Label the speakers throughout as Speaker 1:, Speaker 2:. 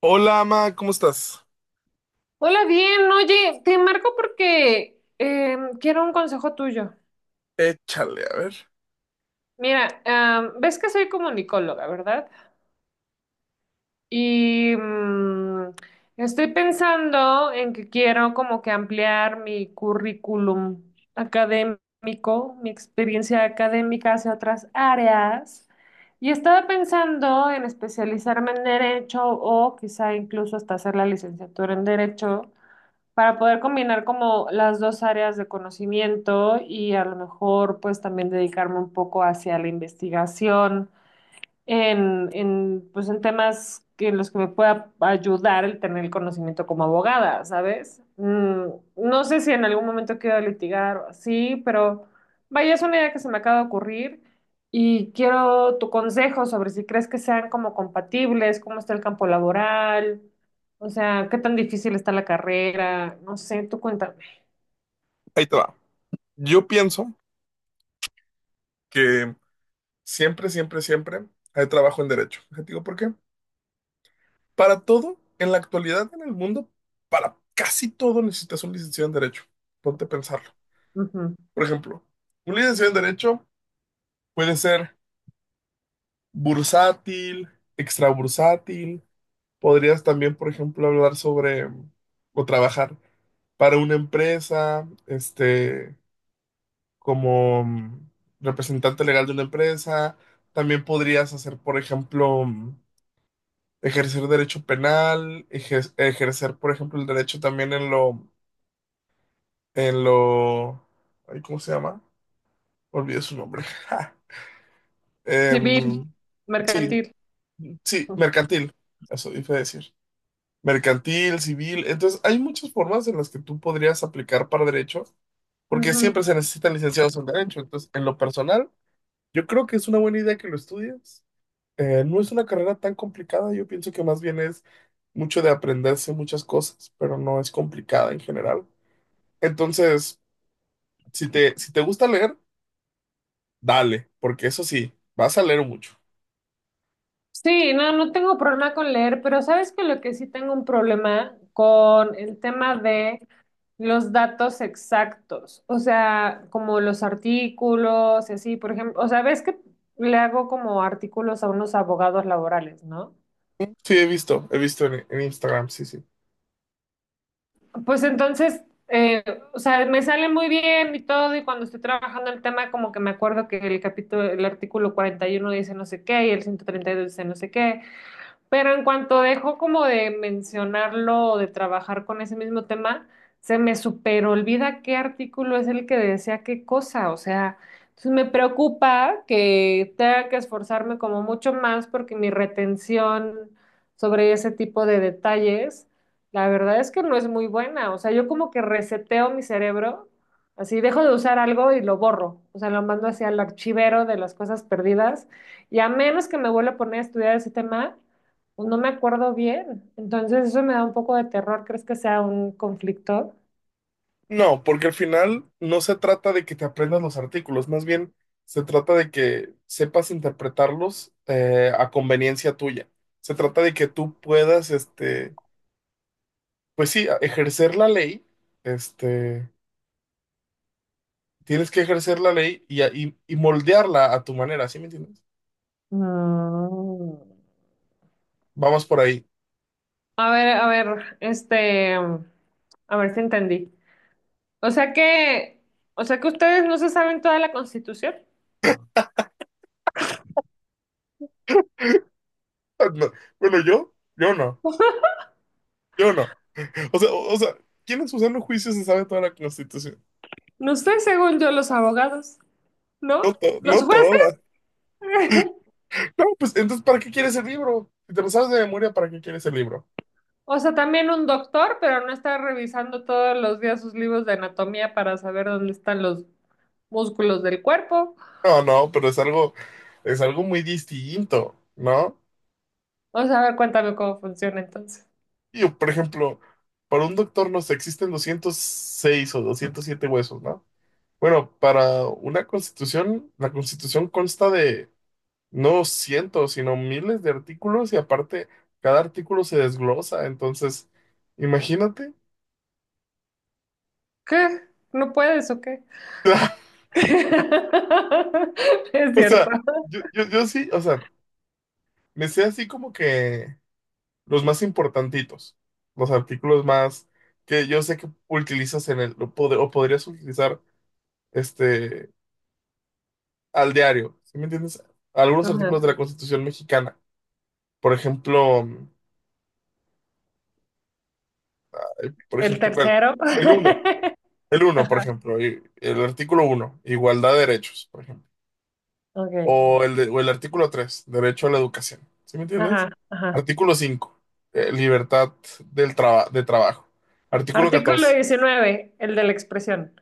Speaker 1: Hola, Ama, ¿cómo estás?
Speaker 2: Hola, bien, oye, te marco porque quiero un consejo tuyo.
Speaker 1: Échale, a ver.
Speaker 2: Mira, ves que soy comunicóloga, ¿verdad? Y mm, Estoy pensando en que quiero como que ampliar mi currículum académico, mi experiencia académica hacia otras áreas. Y estaba pensando en especializarme en derecho o quizá incluso hasta hacer la licenciatura en derecho, para poder combinar como las dos áreas de conocimiento y a lo mejor pues también dedicarme un poco hacia la investigación pues en temas que en los que me pueda ayudar el tener el conocimiento como abogada, ¿sabes? No sé si en algún momento quiero litigar o así, pero vaya, es una idea que se me acaba de ocurrir y quiero tu consejo sobre si crees que sean como compatibles, cómo está el campo laboral, o sea, qué tan difícil está la carrera, no sé, tú cuéntame.
Speaker 1: Ahí te va. Yo pienso que siempre hay trabajo en derecho. Te digo por qué. Para todo, en la actualidad, en el mundo, para casi todo necesitas un licenciado en derecho. Ponte a pensarlo.
Speaker 2: Ujú.
Speaker 1: Por ejemplo, un licenciado en derecho puede ser bursátil, extrabursátil. Podrías también, por ejemplo, hablar sobre o trabajar para una empresa, como representante legal de una empresa. También podrías hacer, por ejemplo, ejercer derecho penal, ejercer, por ejemplo, el derecho también en lo, ay, ¿cómo se llama? Olvidé su nombre. Ja.
Speaker 2: Civil,
Speaker 1: Em, sí,
Speaker 2: mercantil.
Speaker 1: sí, mercantil, eso iba a decir. Mercantil, civil. Entonces, hay muchas formas en las que tú podrías aplicar para derecho, porque siempre se necesitan licenciados en derecho. Entonces, en lo personal, yo creo que es una buena idea que lo estudies. No es una carrera tan complicada, yo pienso que más bien es mucho de aprenderse muchas cosas, pero no es complicada en general. Entonces, si te gusta leer, dale, porque eso sí, vas a leer mucho.
Speaker 2: Sí, no, no tengo problema con leer, pero sabes que lo que sí tengo un problema con el tema de los datos exactos, o sea, como los artículos y así, por ejemplo, o sea, ves que le hago como artículos a unos abogados laborales, ¿no?
Speaker 1: Sí, he visto, he visto en Instagram, sí, sí.
Speaker 2: Pues entonces, eh, o sea, me sale muy bien y todo, y cuando estoy trabajando el tema, como que me acuerdo que el capítulo, el artículo 41 dice no sé qué y el 132 dice no sé qué. Pero en cuanto dejo como de mencionarlo o de trabajar con ese mismo tema, se me super olvida qué artículo es el que decía qué cosa. O sea, entonces me preocupa que tenga que esforzarme como mucho más porque mi retención sobre ese tipo de detalles, la verdad es que no es muy buena. O sea, yo como que reseteo mi cerebro, así dejo de usar algo y lo borro. O sea, lo mando hacia el archivero de las cosas perdidas. Y a menos que me vuelva a poner a estudiar ese tema pues, no me acuerdo bien, entonces eso me da un poco de terror. ¿Crees que sea un conflicto?
Speaker 1: No, porque al final no se trata de que te aprendas los artículos, más bien se trata de que sepas interpretarlos, a conveniencia tuya. Se trata de que tú puedas, pues sí, ejercer la ley, este Tienes que ejercer la ley y, y moldearla a tu manera, ¿sí me entiendes?
Speaker 2: Mm.
Speaker 1: Vamos por ahí.
Speaker 2: A ver, este, a ver si entendí. O sea que, o sea que ustedes no se saben toda la Constitución.
Speaker 1: No. Bueno, yo no, yo no. O sea, ¿quién en su sano juicio se sabe toda la Constitución?
Speaker 2: No sé, según yo, los abogados,
Speaker 1: No,
Speaker 2: ¿no? Los
Speaker 1: no
Speaker 2: jueces,
Speaker 1: toda. No, pues entonces, ¿para qué quieres el libro? Si te lo sabes de memoria, ¿para qué quieres el libro?
Speaker 2: o sea, también un doctor, pero no está revisando todos los días sus libros de anatomía para saber dónde están los músculos del cuerpo.
Speaker 1: No, no, pero es algo muy distinto, ¿no?
Speaker 2: O sea, a ver, cuéntame cómo funciona entonces.
Speaker 1: Yo, por ejemplo, para un doctor, no sé, existen 206 o 207 huesos, ¿no? Bueno, para una constitución, la constitución consta de no cientos, sino miles de artículos y aparte cada artículo se desglosa, entonces, imagínate.
Speaker 2: ¿Qué? ¿No puedes o qué? Es
Speaker 1: O
Speaker 2: cierto.
Speaker 1: sea, yo sí, o sea, me sé así como que los más importantitos, los artículos más que yo sé que utilizas en el, o, o podrías utilizar, este, al diario, ¿sí me entiendes? Algunos artículos
Speaker 2: Ajá.
Speaker 1: de la Constitución mexicana, por ejemplo, por
Speaker 2: El
Speaker 1: ejemplo, ¿cuál?
Speaker 2: tercero.
Speaker 1: el uno el uno por
Speaker 2: Ajá.
Speaker 1: ejemplo, el artículo uno, igualdad de derechos, por ejemplo.
Speaker 2: Ok.
Speaker 1: O el, o el artículo tres, derecho a la educación. ¿Sí me entiendes?
Speaker 2: Ajá, ajá.
Speaker 1: Artículo cinco, libertad de trabajo. Artículo
Speaker 2: Artículo
Speaker 1: catorce.
Speaker 2: 19, el de la expresión.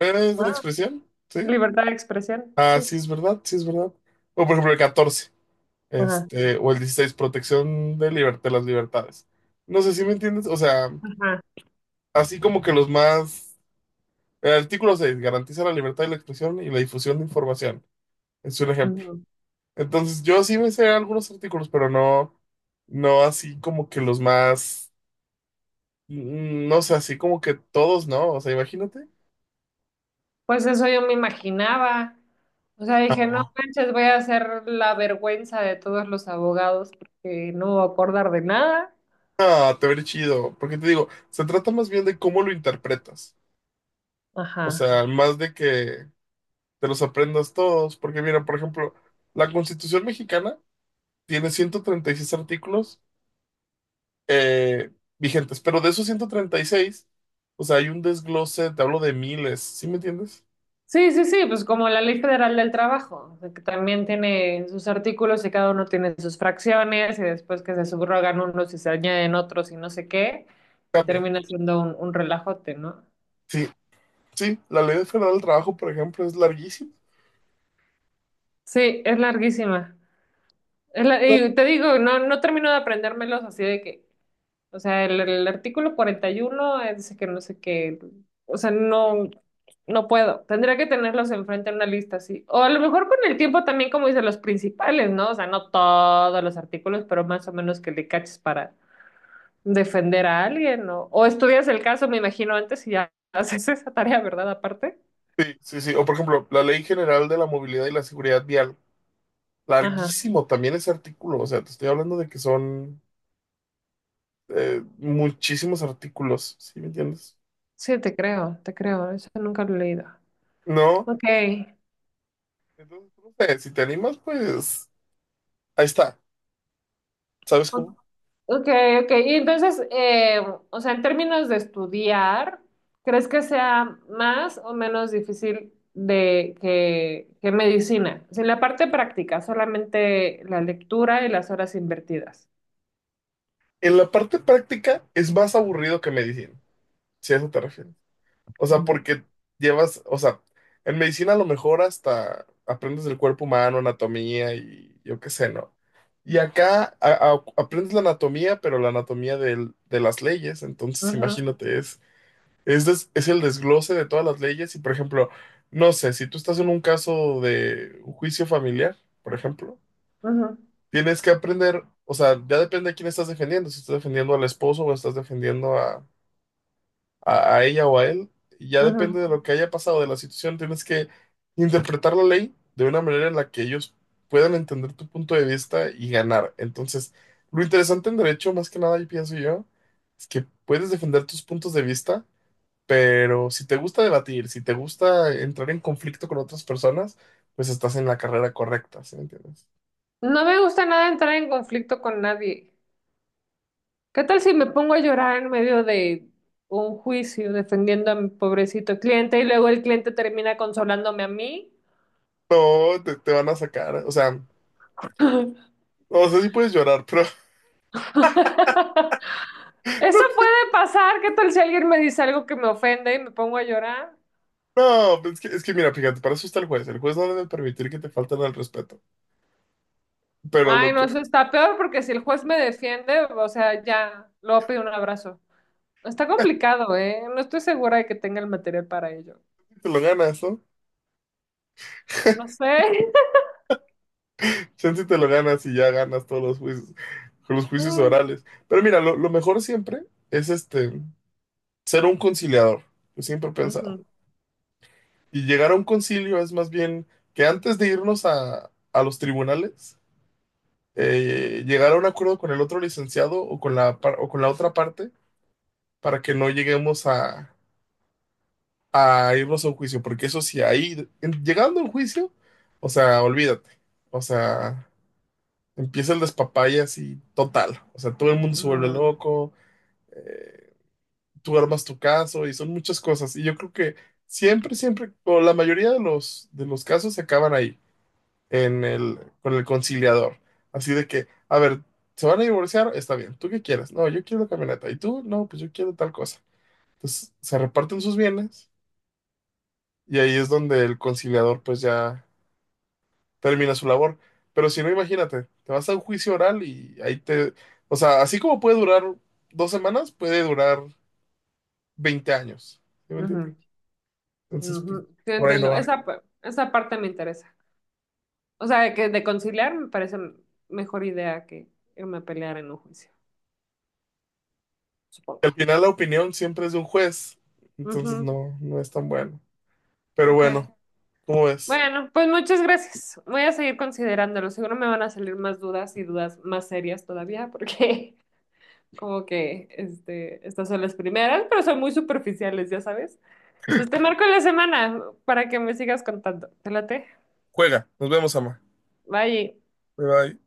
Speaker 1: ¿Es de la
Speaker 2: Ah,
Speaker 1: expresión? ¿Sí?
Speaker 2: libertad de expresión,
Speaker 1: Ah,
Speaker 2: sí.
Speaker 1: sí es verdad, sí es verdad. O por ejemplo el catorce,
Speaker 2: Ajá,
Speaker 1: este, o el dieciséis, protección de, de las libertades. No sé si me entiendes, o sea,
Speaker 2: ajá.
Speaker 1: así como que los más... El artículo 6 garantiza la libertad de la expresión y la difusión de información. Es un ejemplo.
Speaker 2: Ujú.
Speaker 1: Entonces, yo sí me sé algunos artículos, pero no, no así como que los más, mm, no sé, así como que todos, ¿no? O sea, imagínate.
Speaker 2: Pues eso yo me imaginaba. O sea, dije, no
Speaker 1: No.
Speaker 2: manches, voy a hacer la vergüenza de todos los abogados porque no me voy a acordar de nada.
Speaker 1: Ah, te veré chido, porque te digo, se trata más bien de cómo lo interpretas, o
Speaker 2: Ajá.
Speaker 1: sea, más de que te los aprendas todos, porque mira, por ejemplo, la Constitución mexicana tiene 136 artículos, eh, vigentes, pero de esos 136, o sea, hay un desglose, te hablo de miles, ¿sí me entiendes?
Speaker 2: Sí, sí, sí, pues como la Ley Federal del Trabajo, o sea, que también tiene sus artículos y cada uno tiene sus fracciones y después que se subrogan unos y se añaden otros y no sé qué, y
Speaker 1: Cambia.
Speaker 2: termina siendo un relajote, ¿no?
Speaker 1: Sí, sí, la ley federal del trabajo, por ejemplo, es larguísima.
Speaker 2: Sí, es larguísima. Es la- y te digo, no, no termino de aprendérmelos así de que, o sea, el artículo 41 dice que no sé qué, o sea, no, no puedo. Tendría que tenerlos enfrente en una lista así. O a lo mejor con el tiempo también, como dice, los principales, ¿no? O sea, no todos los artículos, pero más o menos que le caches para defender a alguien, ¿no? O estudias el caso, me imagino, antes y ya haces esa tarea, ¿verdad? Aparte.
Speaker 1: Sí, sí, sí. O por ejemplo, la ley general de la movilidad y la seguridad vial.
Speaker 2: Ajá.
Speaker 1: Larguísimo también ese artículo. O sea, te estoy hablando de que son, muchísimos artículos. ¿Sí me entiendes?
Speaker 2: Sí, te creo, te creo. Eso nunca lo he leído.
Speaker 1: No.
Speaker 2: Ok.
Speaker 1: Entonces, no sé, si te animas, pues ahí está. ¿Sabes cómo?
Speaker 2: Okay, okay. Y entonces, o sea, en términos de estudiar, ¿crees que sea más o menos difícil de que medicina? Sin la parte práctica, solamente la lectura y las horas invertidas.
Speaker 1: En la parte práctica es más aburrido que medicina, si a eso te refieres. O sea,
Speaker 2: Mm.
Speaker 1: porque llevas, o sea, en medicina a lo mejor hasta aprendes del cuerpo humano, anatomía y yo qué sé, ¿no? Y acá aprendes la anatomía, pero la anatomía de las leyes. Entonces,
Speaker 2: Ujú,
Speaker 1: imagínate, es el desglose de todas las leyes. Y, por ejemplo, no sé, si tú estás en un caso de un juicio familiar, por ejemplo,
Speaker 2: ujú,
Speaker 1: tienes que aprender, o sea, ya depende de quién estás defendiendo, si estás defendiendo al esposo o estás defendiendo a, a ella o a él. Ya depende
Speaker 2: ujú.
Speaker 1: de lo que haya pasado, de la situación, tienes que interpretar la ley de una manera en la que ellos puedan entender tu punto de vista y ganar. Entonces, lo interesante en derecho, más que nada, yo pienso yo, es que puedes defender tus puntos de vista, pero si te gusta debatir, si te gusta entrar en conflicto con otras personas, pues estás en la carrera correcta, ¿sí me entiendes?
Speaker 2: No me gusta nada entrar en conflicto con nadie. ¿Qué tal si me pongo a llorar en medio de un juicio defendiendo a mi pobrecito cliente y luego el cliente termina consolándome a mí?
Speaker 1: No, te van a sacar, o sea, no sé si puedes llorar, pero
Speaker 2: Eso puede pasar. ¿Qué tal si alguien me dice algo que me ofende y me pongo a llorar?
Speaker 1: No, es que mira, fíjate, para eso está el juez. El juez no debe permitir que te falten al respeto. Pero lo
Speaker 2: Ay, no,
Speaker 1: que sí,
Speaker 2: eso está peor porque si el juez me defiende, o sea, ya, luego pido un abrazo. Está complicado, ¿eh? No estoy segura de que tenga el material para ello.
Speaker 1: te lo ganas, ¿no?
Speaker 2: No sé.
Speaker 1: Chance te lo ganas y ya ganas todos los juicios
Speaker 2: Mm,
Speaker 1: orales. Pero mira, lo mejor siempre es, este, ser un conciliador. Yo siempre he pensado.
Speaker 2: ujú,
Speaker 1: Y llegar a un concilio es más bien que antes de irnos a los tribunales, llegar a un acuerdo con el otro licenciado o con la, o con la otra parte para que no lleguemos a irnos a un juicio, porque eso sí, ahí, llegando a un juicio, o sea, olvídate, o sea, empieza el despapalle así total, o sea, todo el mundo se vuelve
Speaker 2: mm,
Speaker 1: loco, eh, tú armas tu caso y son muchas cosas, y yo creo que siempre, siempre, o la mayoría de los casos se acaban ahí, en el, con el conciliador, así de que, a ver, se van a divorciar, está bien, ¿tú qué quieres? No, yo quiero la camioneta, ¿y tú? No, pues yo quiero tal cosa. Entonces, se reparten sus bienes. Y ahí es donde el conciliador pues ya termina su labor. Pero si no, imagínate, te vas a un juicio oral y ahí te... O sea, así como puede durar 2 semanas, puede durar 20 años. ¿Sí me entiendes?
Speaker 2: ujú,
Speaker 1: Entonces, pues,
Speaker 2: ujú. Sí,
Speaker 1: por ahí no
Speaker 2: entiendo.
Speaker 1: va.
Speaker 2: Esa, pa- esa parte me interesa. O sea, que de conciliar me parece mejor idea que irme a pelear en un juicio,
Speaker 1: Al
Speaker 2: supongo.
Speaker 1: final la opinión siempre es de un juez, entonces
Speaker 2: Ujú.
Speaker 1: no, no es tan bueno. Pero
Speaker 2: Ok.
Speaker 1: bueno, ¿cómo ves?
Speaker 2: Bueno, pues muchas gracias. Voy a seguir considerándolo. Seguro me van a salir más dudas y dudas más serias todavía, porque como que este, estas son las primeras, pero son muy superficiales, ya sabes. Entonces te marco en la semana para que me sigas contando. ¿Te late?
Speaker 1: Juega, nos vemos, ama.
Speaker 2: Bye.
Speaker 1: Bye bye.